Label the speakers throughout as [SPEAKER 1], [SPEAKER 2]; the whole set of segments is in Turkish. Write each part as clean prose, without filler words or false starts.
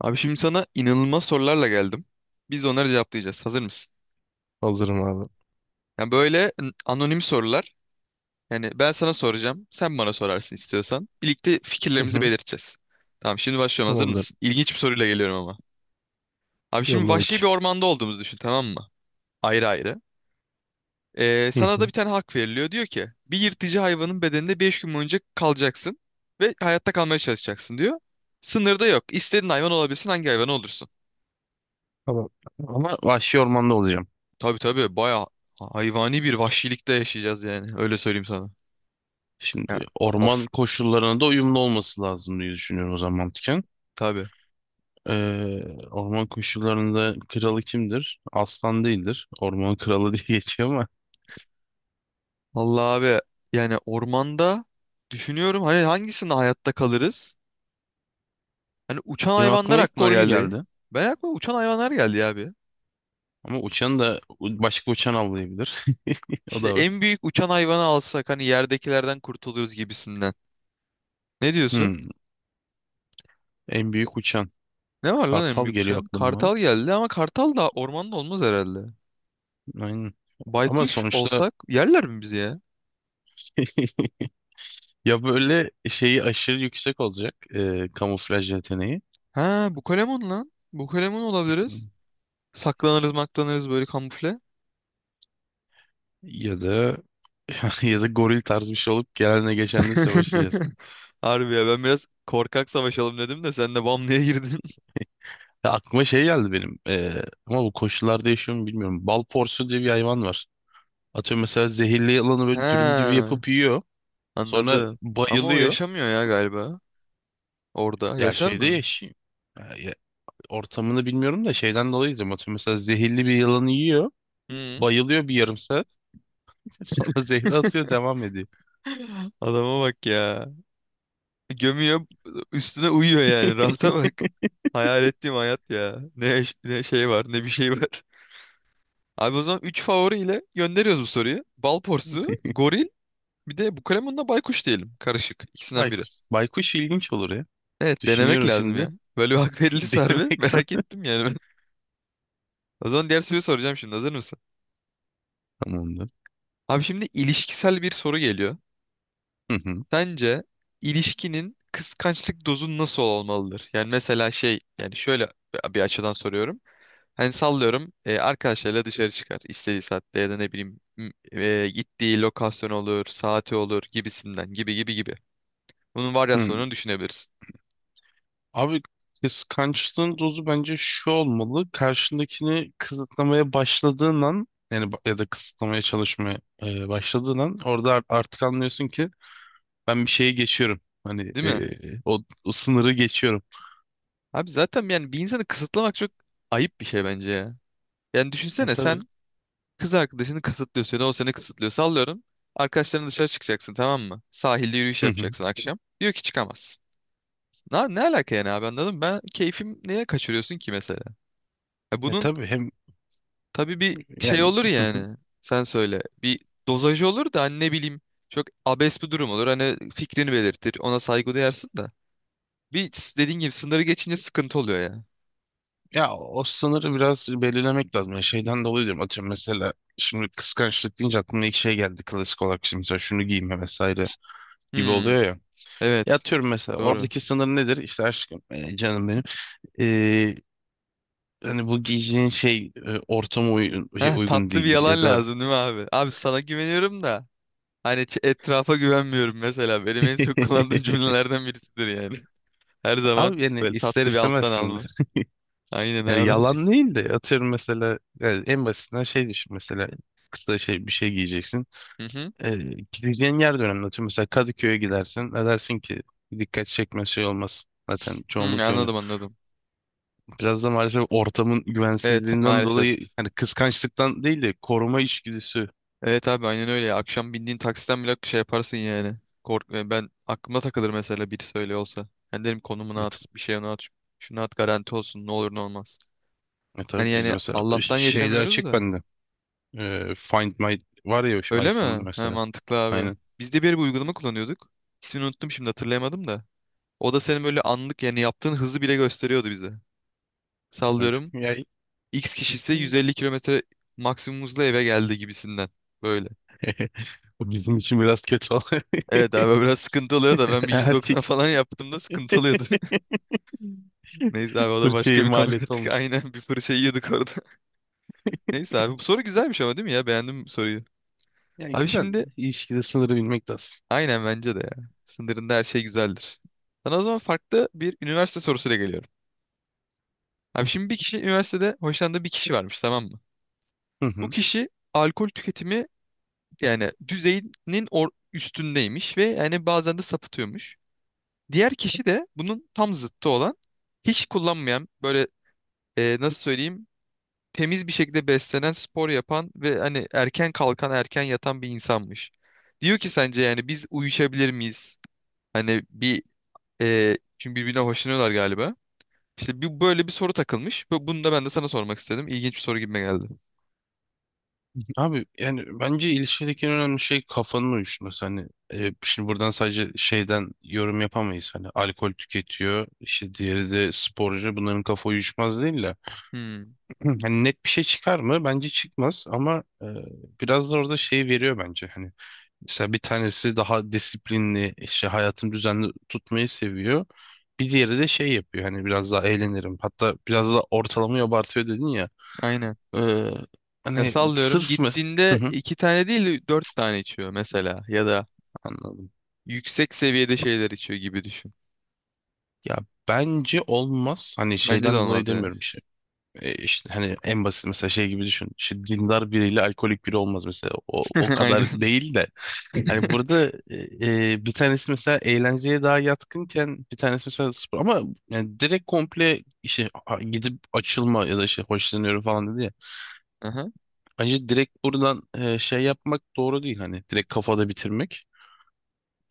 [SPEAKER 1] Abi şimdi sana inanılmaz sorularla geldim. Biz de onları cevaplayacağız. Hazır mısın?
[SPEAKER 2] Hazırım abi.
[SPEAKER 1] Yani böyle anonim sorular. Yani ben sana soracağım. Sen bana sorarsın istiyorsan. Birlikte
[SPEAKER 2] Hı
[SPEAKER 1] fikirlerimizi
[SPEAKER 2] hı.
[SPEAKER 1] belirteceğiz. Tamam şimdi başlıyorum. Hazır
[SPEAKER 2] Tamamdır.
[SPEAKER 1] mısın? İlginç bir soruyla geliyorum ama. Abi şimdi
[SPEAKER 2] Yolla
[SPEAKER 1] vahşi bir
[SPEAKER 2] bakayım.
[SPEAKER 1] ormanda olduğumuzu düşün, tamam mı? Ayrı ayrı. Ee,
[SPEAKER 2] Hı
[SPEAKER 1] sana da bir
[SPEAKER 2] hı.
[SPEAKER 1] tane hak veriliyor. Diyor ki bir yırtıcı hayvanın bedeninde 5 gün boyunca kalacaksın. Ve hayatta kalmaya çalışacaksın diyor. Sınırda yok. İstediğin hayvan olabilirsin. Hangi hayvan olursun?
[SPEAKER 2] Tamam. Ama vahşi ormanda olacağım.
[SPEAKER 1] Tabii tabii, bayağı hayvani bir vahşilikte yaşayacağız yani. Öyle söyleyeyim sana. Ya,
[SPEAKER 2] Şimdi orman
[SPEAKER 1] of,
[SPEAKER 2] koşullarına da uyumlu olması lazım diye düşünüyorum o zaman mantıken.
[SPEAKER 1] tabii.
[SPEAKER 2] Ee, Orman koşullarında kralı kimdir? Aslan değildir. Ormanın kralı diye geçiyor ama
[SPEAKER 1] Vallahi abi, yani ormanda düşünüyorum hani hangisinde hayatta kalırız? Hani uçan
[SPEAKER 2] benim
[SPEAKER 1] hayvanlar
[SPEAKER 2] aklıma ilk
[SPEAKER 1] aklıma
[SPEAKER 2] goril
[SPEAKER 1] geldi.
[SPEAKER 2] geldi.
[SPEAKER 1] Ben aklıma uçan hayvanlar geldi ya abi.
[SPEAKER 2] Ama uçan da başka uçan avlayabilir. O
[SPEAKER 1] İşte
[SPEAKER 2] da var.
[SPEAKER 1] en büyük uçan hayvanı alsak hani yerdekilerden kurtuluruz gibisinden. Ne diyorsun?
[SPEAKER 2] Hmm, En büyük uçan.
[SPEAKER 1] Ne var lan en
[SPEAKER 2] Kartal
[SPEAKER 1] büyük
[SPEAKER 2] geliyor
[SPEAKER 1] uçan?
[SPEAKER 2] aklıma.
[SPEAKER 1] Kartal geldi ama kartal da ormanda olmaz herhalde.
[SPEAKER 2] Aynen. Ama
[SPEAKER 1] Baykuş
[SPEAKER 2] sonuçta
[SPEAKER 1] olsak yerler mi bizi ya?
[SPEAKER 2] ya böyle şeyi aşırı yüksek olacak, kamuflaj yeteneği
[SPEAKER 1] Ha, bu Bukalemon lan. Bukalemon olabiliriz. Saklanırız maklanırız böyle, kamufle.
[SPEAKER 2] ya da ya da goril tarzı bir şey olup gelenle geçenle savaşacağız.
[SPEAKER 1] Harbi ya, ben biraz korkak savaşalım dedim de sen de bam diye girdin.
[SPEAKER 2] Ya aklıma şey geldi benim, ama bu koşullarda yaşıyor mu bilmiyorum. Bal porsu diye bir hayvan var. Atıyorum mesela zehirli yılanı
[SPEAKER 1] He,
[SPEAKER 2] böyle dürüm gibi yapıp yiyor. Sonra
[SPEAKER 1] anladım. Ama o
[SPEAKER 2] bayılıyor.
[SPEAKER 1] yaşamıyor ya galiba orada.
[SPEAKER 2] Ya
[SPEAKER 1] Yaşar
[SPEAKER 2] şeyde
[SPEAKER 1] mı?
[SPEAKER 2] yaşıyor. Ya ortamını bilmiyorum da şeyden dolayı diyorum. Atıyorum mesela zehirli bir yılanı yiyor.
[SPEAKER 1] Hı.
[SPEAKER 2] Bayılıyor bir yarım saat. Sonra zehri atıyor, devam ediyor.
[SPEAKER 1] Adama bak ya. Gömüyor üstüne uyuyor yani, rahata bak. Hayal ettiğim hayat ya. Ne, yaş- ne şey var ne bir şey var. Abi, o zaman 3 favoriyle gönderiyoruz bu soruyu. Bal porsu, goril, bir de bu kalemunla baykuş diyelim. Karışık. İkisinden biri.
[SPEAKER 2] Baykuş, baykuş ilginç olur ya.
[SPEAKER 1] Evet, denemek
[SPEAKER 2] Düşünüyorum
[SPEAKER 1] lazım
[SPEAKER 2] şimdi.
[SPEAKER 1] ya. Böyle bir hak verilirse harbi
[SPEAKER 2] Denemek
[SPEAKER 1] merak ettim yani ben. O zaman diğer soruyu soracağım şimdi, hazır mısın?
[SPEAKER 2] lazım.
[SPEAKER 1] Abi şimdi ilişkisel bir soru geliyor.
[SPEAKER 2] Hı hı.
[SPEAKER 1] Sence ilişkinin kıskançlık dozu nasıl olmalıdır? Yani mesela şey, yani şöyle bir açıdan soruyorum. Hani sallıyorum, arkadaşlarıyla dışarı çıkar istediği saatte, ya da ne bileyim gittiği lokasyon olur, saati olur gibisinden, gibi gibi gibi. Bunun
[SPEAKER 2] Hı.
[SPEAKER 1] varyasyonunu düşünebilirsin.
[SPEAKER 2] Abi kıskançlığın dozu bence şu olmalı. Karşındakini kısıtlamaya başladığın an, yani ya da kısıtlamaya çalışmaya başladığın an orada artık anlıyorsun ki ben bir şeye geçiyorum. Hani,
[SPEAKER 1] Değil mi?
[SPEAKER 2] o sınırı geçiyorum.
[SPEAKER 1] Abi zaten yani bir insanı kısıtlamak çok ayıp bir şey bence ya. Yani
[SPEAKER 2] Ya
[SPEAKER 1] düşünsene
[SPEAKER 2] tabii.
[SPEAKER 1] sen. Kız arkadaşını kısıtlıyor seni. O seni kısıtlıyor. Sallıyorum. Arkadaşlarına dışarı çıkacaksın, tamam mı? Sahilde yürüyüş
[SPEAKER 2] Hı hı.
[SPEAKER 1] yapacaksın akşam. Diyor ki çıkamazsın. Ne, ne alaka yani abi, anladın mı? Ben keyfim, neye kaçırıyorsun ki mesela? Ya
[SPEAKER 2] Ya
[SPEAKER 1] bunun
[SPEAKER 2] tabii hem
[SPEAKER 1] tabii bir şey
[SPEAKER 2] yani
[SPEAKER 1] olur yani. Sen söyle. Bir dozajı olur da hani, ne bileyim. Çok abes bir durum olur. Hani fikrini belirtir. Ona saygı duyarsın da. Dediğin gibi sınırı geçince sıkıntı oluyor ya.
[SPEAKER 2] ya o sınırı biraz belirlemek lazım. Yani şeyden dolayı diyorum, atıyorum mesela şimdi kıskançlık deyince aklıma ilk şey geldi klasik olarak, şimdi mesela şunu giyme vesaire gibi
[SPEAKER 1] Hmm,
[SPEAKER 2] oluyor ya. Ya
[SPEAKER 1] evet.
[SPEAKER 2] atıyorum mesela
[SPEAKER 1] Doğru.
[SPEAKER 2] oradaki sınır nedir? İşte aşkım, canım benim. E, Hani bu giyeceğin şey, ortama uygun, şey,
[SPEAKER 1] Heh,
[SPEAKER 2] uygun
[SPEAKER 1] tatlı bir
[SPEAKER 2] değildir ya
[SPEAKER 1] yalan
[SPEAKER 2] da
[SPEAKER 1] lazım değil mi abi? Abi sana güveniyorum da. Hani etrafa güvenmiyorum mesela. Benim en çok kullandığım cümlelerden birisidir yani. Her zaman
[SPEAKER 2] abi yani
[SPEAKER 1] böyle
[SPEAKER 2] ister
[SPEAKER 1] tatlı bir
[SPEAKER 2] istemez
[SPEAKER 1] alttan
[SPEAKER 2] şimdi.
[SPEAKER 1] alma. Aynen
[SPEAKER 2] Yani
[SPEAKER 1] abi.
[SPEAKER 2] yalan değil de atıyorum mesela yani en basitinden şey düşün mesela, kısa şey bir şey giyeceksin.
[SPEAKER 1] Hı hı.
[SPEAKER 2] E, Gideceğin yer de önemli. Atıyorum mesela Kadıköy'e gidersin. Ne dersin ki dikkat çekme şey olmaz. Zaten
[SPEAKER 1] Hı,
[SPEAKER 2] çoğunluk öyle.
[SPEAKER 1] anladım anladım.
[SPEAKER 2] Biraz da maalesef ortamın
[SPEAKER 1] Evet,
[SPEAKER 2] güvensizliğinden
[SPEAKER 1] maalesef.
[SPEAKER 2] dolayı, hani kıskançlıktan değil de koruma içgüdüsü.
[SPEAKER 1] Evet abi, aynen öyle ya. Akşam bindiğin taksiden bile şey yaparsın yani. Kork, ben aklıma takılır mesela, biri söyle olsa. Ben derim konumunu
[SPEAKER 2] Ya, t-
[SPEAKER 1] at, bir şey onu at, şunu at, garanti olsun, ne olur ne olmaz.
[SPEAKER 2] ya tabii
[SPEAKER 1] Hani
[SPEAKER 2] biz
[SPEAKER 1] yani
[SPEAKER 2] mesela
[SPEAKER 1] Allah'tan
[SPEAKER 2] şeyde
[SPEAKER 1] yaşamıyoruz
[SPEAKER 2] açık
[SPEAKER 1] da.
[SPEAKER 2] bende. Find My var ya şu
[SPEAKER 1] Öyle
[SPEAKER 2] iPhone'da
[SPEAKER 1] mi? He,
[SPEAKER 2] mesela.
[SPEAKER 1] mantıklı abi.
[SPEAKER 2] Aynen.
[SPEAKER 1] Biz de bir uygulama kullanıyorduk. İsmini unuttum şimdi, hatırlayamadım da. O da senin böyle anlık yani yaptığın hızı bile gösteriyordu bize.
[SPEAKER 2] Açık.
[SPEAKER 1] Sallıyorum.
[SPEAKER 2] Ya,
[SPEAKER 1] X kişisi 150 kilometre maksimum hızla eve geldi gibisinden. Böyle.
[SPEAKER 2] o bizim için biraz kötü oldu.
[SPEAKER 1] Evet abi, biraz sıkıntı oluyor da ben bir 190
[SPEAKER 2] Erkek
[SPEAKER 1] falan yaptığımda sıkıntı oluyordu. Neyse abi, o da başka
[SPEAKER 2] fırçaya
[SPEAKER 1] bir konu
[SPEAKER 2] maliyet
[SPEAKER 1] artık.
[SPEAKER 2] olmuş.
[SPEAKER 1] Aynen, bir fırça yiyorduk orada. Neyse abi, bu soru güzelmiş ama değil mi ya? Beğendim bu soruyu.
[SPEAKER 2] Yani
[SPEAKER 1] Abi
[SPEAKER 2] güzel.
[SPEAKER 1] şimdi,
[SPEAKER 2] İlişkide sınırı bilmek lazım.
[SPEAKER 1] aynen bence de ya. Sınırında her şey güzeldir. Sana o zaman farklı bir üniversite sorusuyla geliyorum. Abi şimdi, bir kişi üniversitede hoşlandığı bir kişi varmış, tamam mı?
[SPEAKER 2] Hı
[SPEAKER 1] Bu
[SPEAKER 2] hı.
[SPEAKER 1] kişi alkol tüketimi yani düzeyinin or üstündeymiş ve yani bazen de sapıtıyormuş. Diğer kişi de bunun tam zıttı olan, hiç kullanmayan, böyle nasıl söyleyeyim, temiz bir şekilde beslenen, spor yapan ve hani erken kalkan, erken yatan bir insanmış. Diyor ki sence yani biz uyuşabilir miyiz? Hani bir, çünkü birbirine hoşlanıyorlar galiba. İşte bir, böyle bir soru takılmış ve bunu da ben de sana sormak istedim. İlginç bir soru gibime geldi.
[SPEAKER 2] Abi yani bence ilişkideki en önemli şey kafanın uyuşması. Hani, şimdi buradan sadece şeyden yorum yapamayız. Hani alkol tüketiyor, işte diğeri de sporcu. Bunların kafa uyuşmaz değil de.
[SPEAKER 1] Hmm,
[SPEAKER 2] Hani net bir şey çıkar mı? Bence çıkmaz, ama biraz da orada şey veriyor bence. Hani mesela bir tanesi daha disiplinli, işte hayatını düzenli tutmayı seviyor. Bir diğeri de şey yapıyor. Hani biraz daha eğlenirim. Hatta biraz da ortalamayı abartıyor dedin ya.
[SPEAKER 1] aynen.
[SPEAKER 2] E,
[SPEAKER 1] Ya
[SPEAKER 2] Hani
[SPEAKER 1] sallıyorum,
[SPEAKER 2] sırf
[SPEAKER 1] gittiğinde
[SPEAKER 2] Hı hı,
[SPEAKER 1] iki tane değil de dört tane içiyor mesela, ya da
[SPEAKER 2] anladım.
[SPEAKER 1] yüksek seviyede şeyler içiyor gibi düşün.
[SPEAKER 2] Ya bence olmaz. Hani
[SPEAKER 1] Bence de
[SPEAKER 2] şeyden dolayı
[SPEAKER 1] olmaz yani.
[SPEAKER 2] demiyorum işte. İşte hani en basit mesela şey gibi düşün. İşte dindar biriyle alkolik biri olmaz mesela. O
[SPEAKER 1] Aynen.
[SPEAKER 2] kadar değil de. Hani burada e, bir tanesi mesela eğlenceye daha yatkınken bir tanesi mesela spor. Ama yani direkt komple işte gidip açılma ya da işte hoşlanıyorum falan dedi ya.
[SPEAKER 1] Aha.
[SPEAKER 2] Bence direkt buradan şey yapmak doğru değil. Hani direkt kafada bitirmek.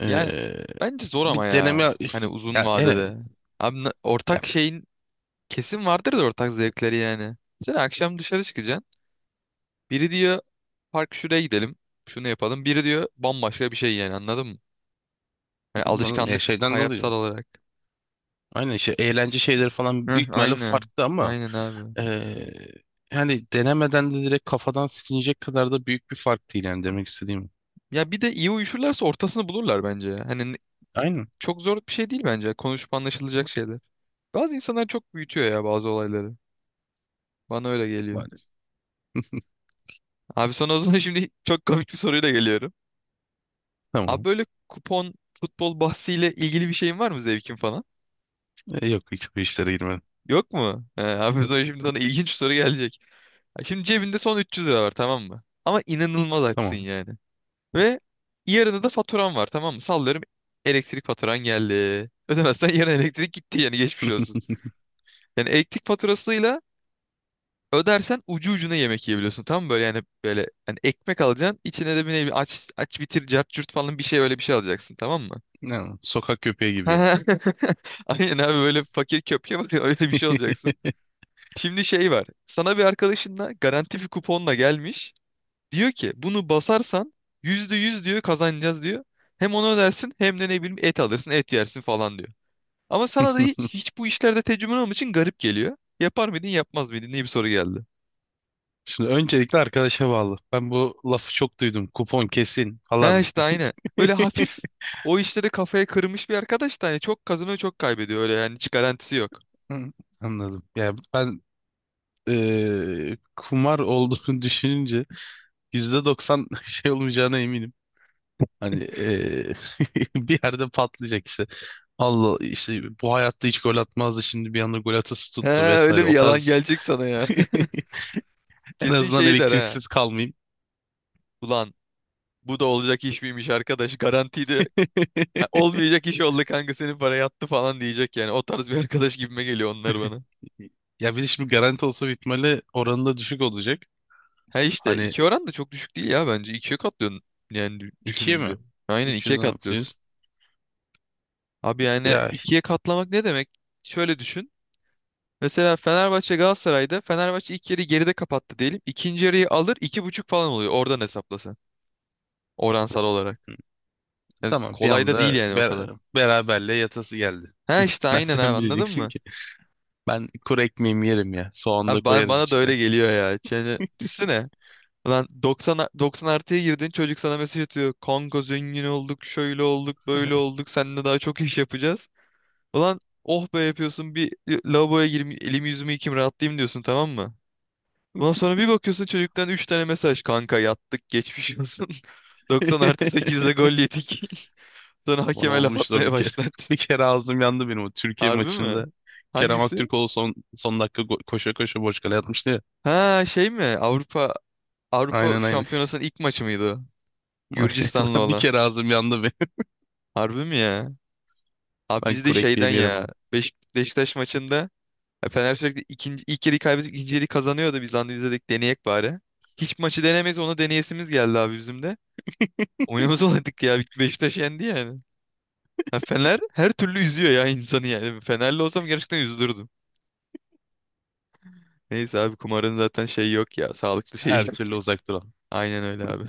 [SPEAKER 2] E,
[SPEAKER 1] Yani bence zor
[SPEAKER 2] Bir
[SPEAKER 1] ama ya.
[SPEAKER 2] deneme
[SPEAKER 1] Hani uzun
[SPEAKER 2] ya, yani
[SPEAKER 1] vadede. Abi
[SPEAKER 2] ya,
[SPEAKER 1] ortak şeyin kesin vardır da ortak zevkleri yani. Sen akşam dışarı çıkacaksın. Biri diyor park şuraya gidelim. Şunu yapalım. Biri diyor bambaşka bir şey, yani anladın mı? Hani
[SPEAKER 2] ya
[SPEAKER 1] alışkanlık,
[SPEAKER 2] şeyden dolayı.
[SPEAKER 1] hayatsal olarak.
[SPEAKER 2] Aynen işte eğlence şeyleri falan
[SPEAKER 1] Heh,
[SPEAKER 2] büyük ihtimalle
[SPEAKER 1] aynen.
[SPEAKER 2] farklı, ama
[SPEAKER 1] Aynen abi.
[SPEAKER 2] eee, yani denemeden de direkt kafadan silinecek kadar da büyük bir fark değil yani demek istediğim.
[SPEAKER 1] Ya bir de iyi uyuşurlarsa ortasını bulurlar bence ya. Hani
[SPEAKER 2] Aynen.
[SPEAKER 1] çok zor bir şey değil bence. Konuşup anlaşılacak şeyler. Bazı insanlar çok büyütüyor ya bazı olayları. Bana öyle geliyor.
[SPEAKER 2] Maalesef.
[SPEAKER 1] Abi sana o zaman şimdi çok komik bir soruyla geliyorum. Abi,
[SPEAKER 2] Tamam.
[SPEAKER 1] böyle kupon, futbol bahsiyle ilgili bir şeyin var mı, zevkin falan?
[SPEAKER 2] Yok, hiç bu işlere girmedim.
[SPEAKER 1] Yok mu? He, abi o zaman şimdi sana ilginç bir soru gelecek. Ha, şimdi cebinde son 300 lira var, tamam mı? Ama inanılmaz açsın
[SPEAKER 2] Tamam.
[SPEAKER 1] yani. Ve yarına da faturan var, tamam mı? Sallıyorum, elektrik faturan geldi. Ödemezsen yarın elektrik gitti, yani geçmiş olsun. Yani elektrik faturasıyla ödersen ucu ucuna yemek yiyebiliyorsun, tam mı? Böyle yani, böyle hani ekmek alacaksın. İçine de bir, ne bileyim, aç, aç bitir, cart curt falan bir şey, öyle bir şey alacaksın. Tamam mı?
[SPEAKER 2] Yani sokak köpeği gibi.
[SPEAKER 1] Aynen abi, böyle fakir köpke var ya, öyle bir şey olacaksın. Şimdi şey var. Sana bir arkadaşınla garanti bir kuponla gelmiş. Diyor ki bunu basarsan %100 diyor kazanacağız diyor. Hem onu ödersin hem de ne bileyim et alırsın et yersin falan diyor. Ama sana da hiç bu işlerde tecrüben olmadığı için garip geliyor. Yapar mıydın yapmaz mıydın diye bir soru geldi.
[SPEAKER 2] Şimdi öncelikle arkadaşa bağlı. Ben bu lafı çok duydum. Kupon kesin
[SPEAKER 1] He
[SPEAKER 2] falan.
[SPEAKER 1] işte, aynı. Böyle hafif o işleri kafaya kırmış bir arkadaş da hani, çok kazanıyor çok kaybediyor, öyle yani, hiç garantisi yok.
[SPEAKER 2] Hı, anladım. Yani ben, kumar olduğunu düşününce %90 şey olmayacağına eminim. Hani, bir yerde patlayacak işte. Allah işte bu hayatta hiç gol atmazdı, şimdi bir anda gol atası
[SPEAKER 1] He,
[SPEAKER 2] tuttu vesaire.
[SPEAKER 1] öyle bir
[SPEAKER 2] O
[SPEAKER 1] yalan
[SPEAKER 2] tarz
[SPEAKER 1] gelecek sana ya.
[SPEAKER 2] en
[SPEAKER 1] Kesin
[SPEAKER 2] azından
[SPEAKER 1] şey der ha.
[SPEAKER 2] elektriksiz kalmayayım.
[SPEAKER 1] Ulan bu da olacak iş miymiş, arkadaş garantiydi. Ha, olmayacak iş oldu kanka, senin para yattı falan diyecek yani. O tarz bir arkadaş gibime geliyor onlar bana.
[SPEAKER 2] Ya bir de şimdi garanti olsa bitmeli oranı da düşük olacak.
[SPEAKER 1] He işte,
[SPEAKER 2] Hani
[SPEAKER 1] iki oran da çok düşük değil ya bence. İkiye katlıyorsun yani,
[SPEAKER 2] ikiye mi?
[SPEAKER 1] düşününce. Aynen, ikiye
[SPEAKER 2] 300'den
[SPEAKER 1] katlıyorsun.
[SPEAKER 2] atacağız.
[SPEAKER 1] Abi yani
[SPEAKER 2] Ya hi-
[SPEAKER 1] ikiye katlamak ne demek? Şöyle düşün. Mesela Fenerbahçe Galatasaray'da Fenerbahçe ilk yarıyı geride kapattı diyelim. İkinci yarıyı alır, iki buçuk falan oluyor oradan, hesaplasa. Oransal olarak. Yani
[SPEAKER 2] tamam bir
[SPEAKER 1] kolay da değil
[SPEAKER 2] anda
[SPEAKER 1] yani o kadar.
[SPEAKER 2] beraberle yatası geldi.
[SPEAKER 1] Ha işte aynen abi,
[SPEAKER 2] Nereden
[SPEAKER 1] anladın
[SPEAKER 2] bileceksin
[SPEAKER 1] mı?
[SPEAKER 2] ki? Ben kuru ekmeğimi yerim ya. Soğan da
[SPEAKER 1] Abi bana,
[SPEAKER 2] koyarız
[SPEAKER 1] bana da
[SPEAKER 2] içine.
[SPEAKER 1] öyle geliyor ya. Yani düşünsene. Lan 90 artıya girdin, çocuk sana mesaj atıyor. Kanka zengin olduk, şöyle olduk böyle olduk, seninle daha çok iş yapacağız. Ulan oh be, yapıyorsun bir, lavaboya gireyim elimi yüzümü yıkayayım rahatlayayım diyorsun, tamam mı? Ondan sonra bir bakıyorsun çocuktan 3 tane mesaj. Kanka yattık, geçmiş olsun. 90 artı 8'de gol yedik. Sonra
[SPEAKER 2] Bana
[SPEAKER 1] hakeme laf
[SPEAKER 2] olmuştu o bir
[SPEAKER 1] atmaya
[SPEAKER 2] kere.
[SPEAKER 1] başlar.
[SPEAKER 2] Bir kere ağzım yandı benim o Türkiye
[SPEAKER 1] Harbi mi?
[SPEAKER 2] maçında. Kerem
[SPEAKER 1] Hangisi?
[SPEAKER 2] Aktürkoğlu son dakika koşa koşa boş kale atmıştı ya.
[SPEAKER 1] Ha, şey mi? Avrupa
[SPEAKER 2] Aynen aynen.
[SPEAKER 1] Şampiyonası'nın ilk maçı mıydı o? Gürcistan'la
[SPEAKER 2] Aynen. Bir
[SPEAKER 1] olan.
[SPEAKER 2] kere ağzım yandı benim.
[SPEAKER 1] Harbi mi ya? Abi
[SPEAKER 2] Ben
[SPEAKER 1] biz de
[SPEAKER 2] kuru
[SPEAKER 1] şeyden
[SPEAKER 2] ekmeğimi yerim
[SPEAKER 1] ya.
[SPEAKER 2] abi.
[SPEAKER 1] Beşiktaş maçında ya, Fener sürekli ikinci, ilk yeri kaybedip ikinci yeri kazanıyordu. Biz lan, biz de dedik deneyek bari. Hiç maçı denemeyiz, onu deneyesimiz geldi abi bizim de. Oynamaz olaydık ya. Beşiktaş yendi yani. Ha, Fener her türlü üzüyor ya insanı yani. Fenerli olsam gerçekten üzülürdüm. Neyse abi, kumarın zaten şeyi yok ya. Sağlıklı şeyi
[SPEAKER 2] Her
[SPEAKER 1] yok.
[SPEAKER 2] türlü uzak duran.
[SPEAKER 1] Aynen öyle abi.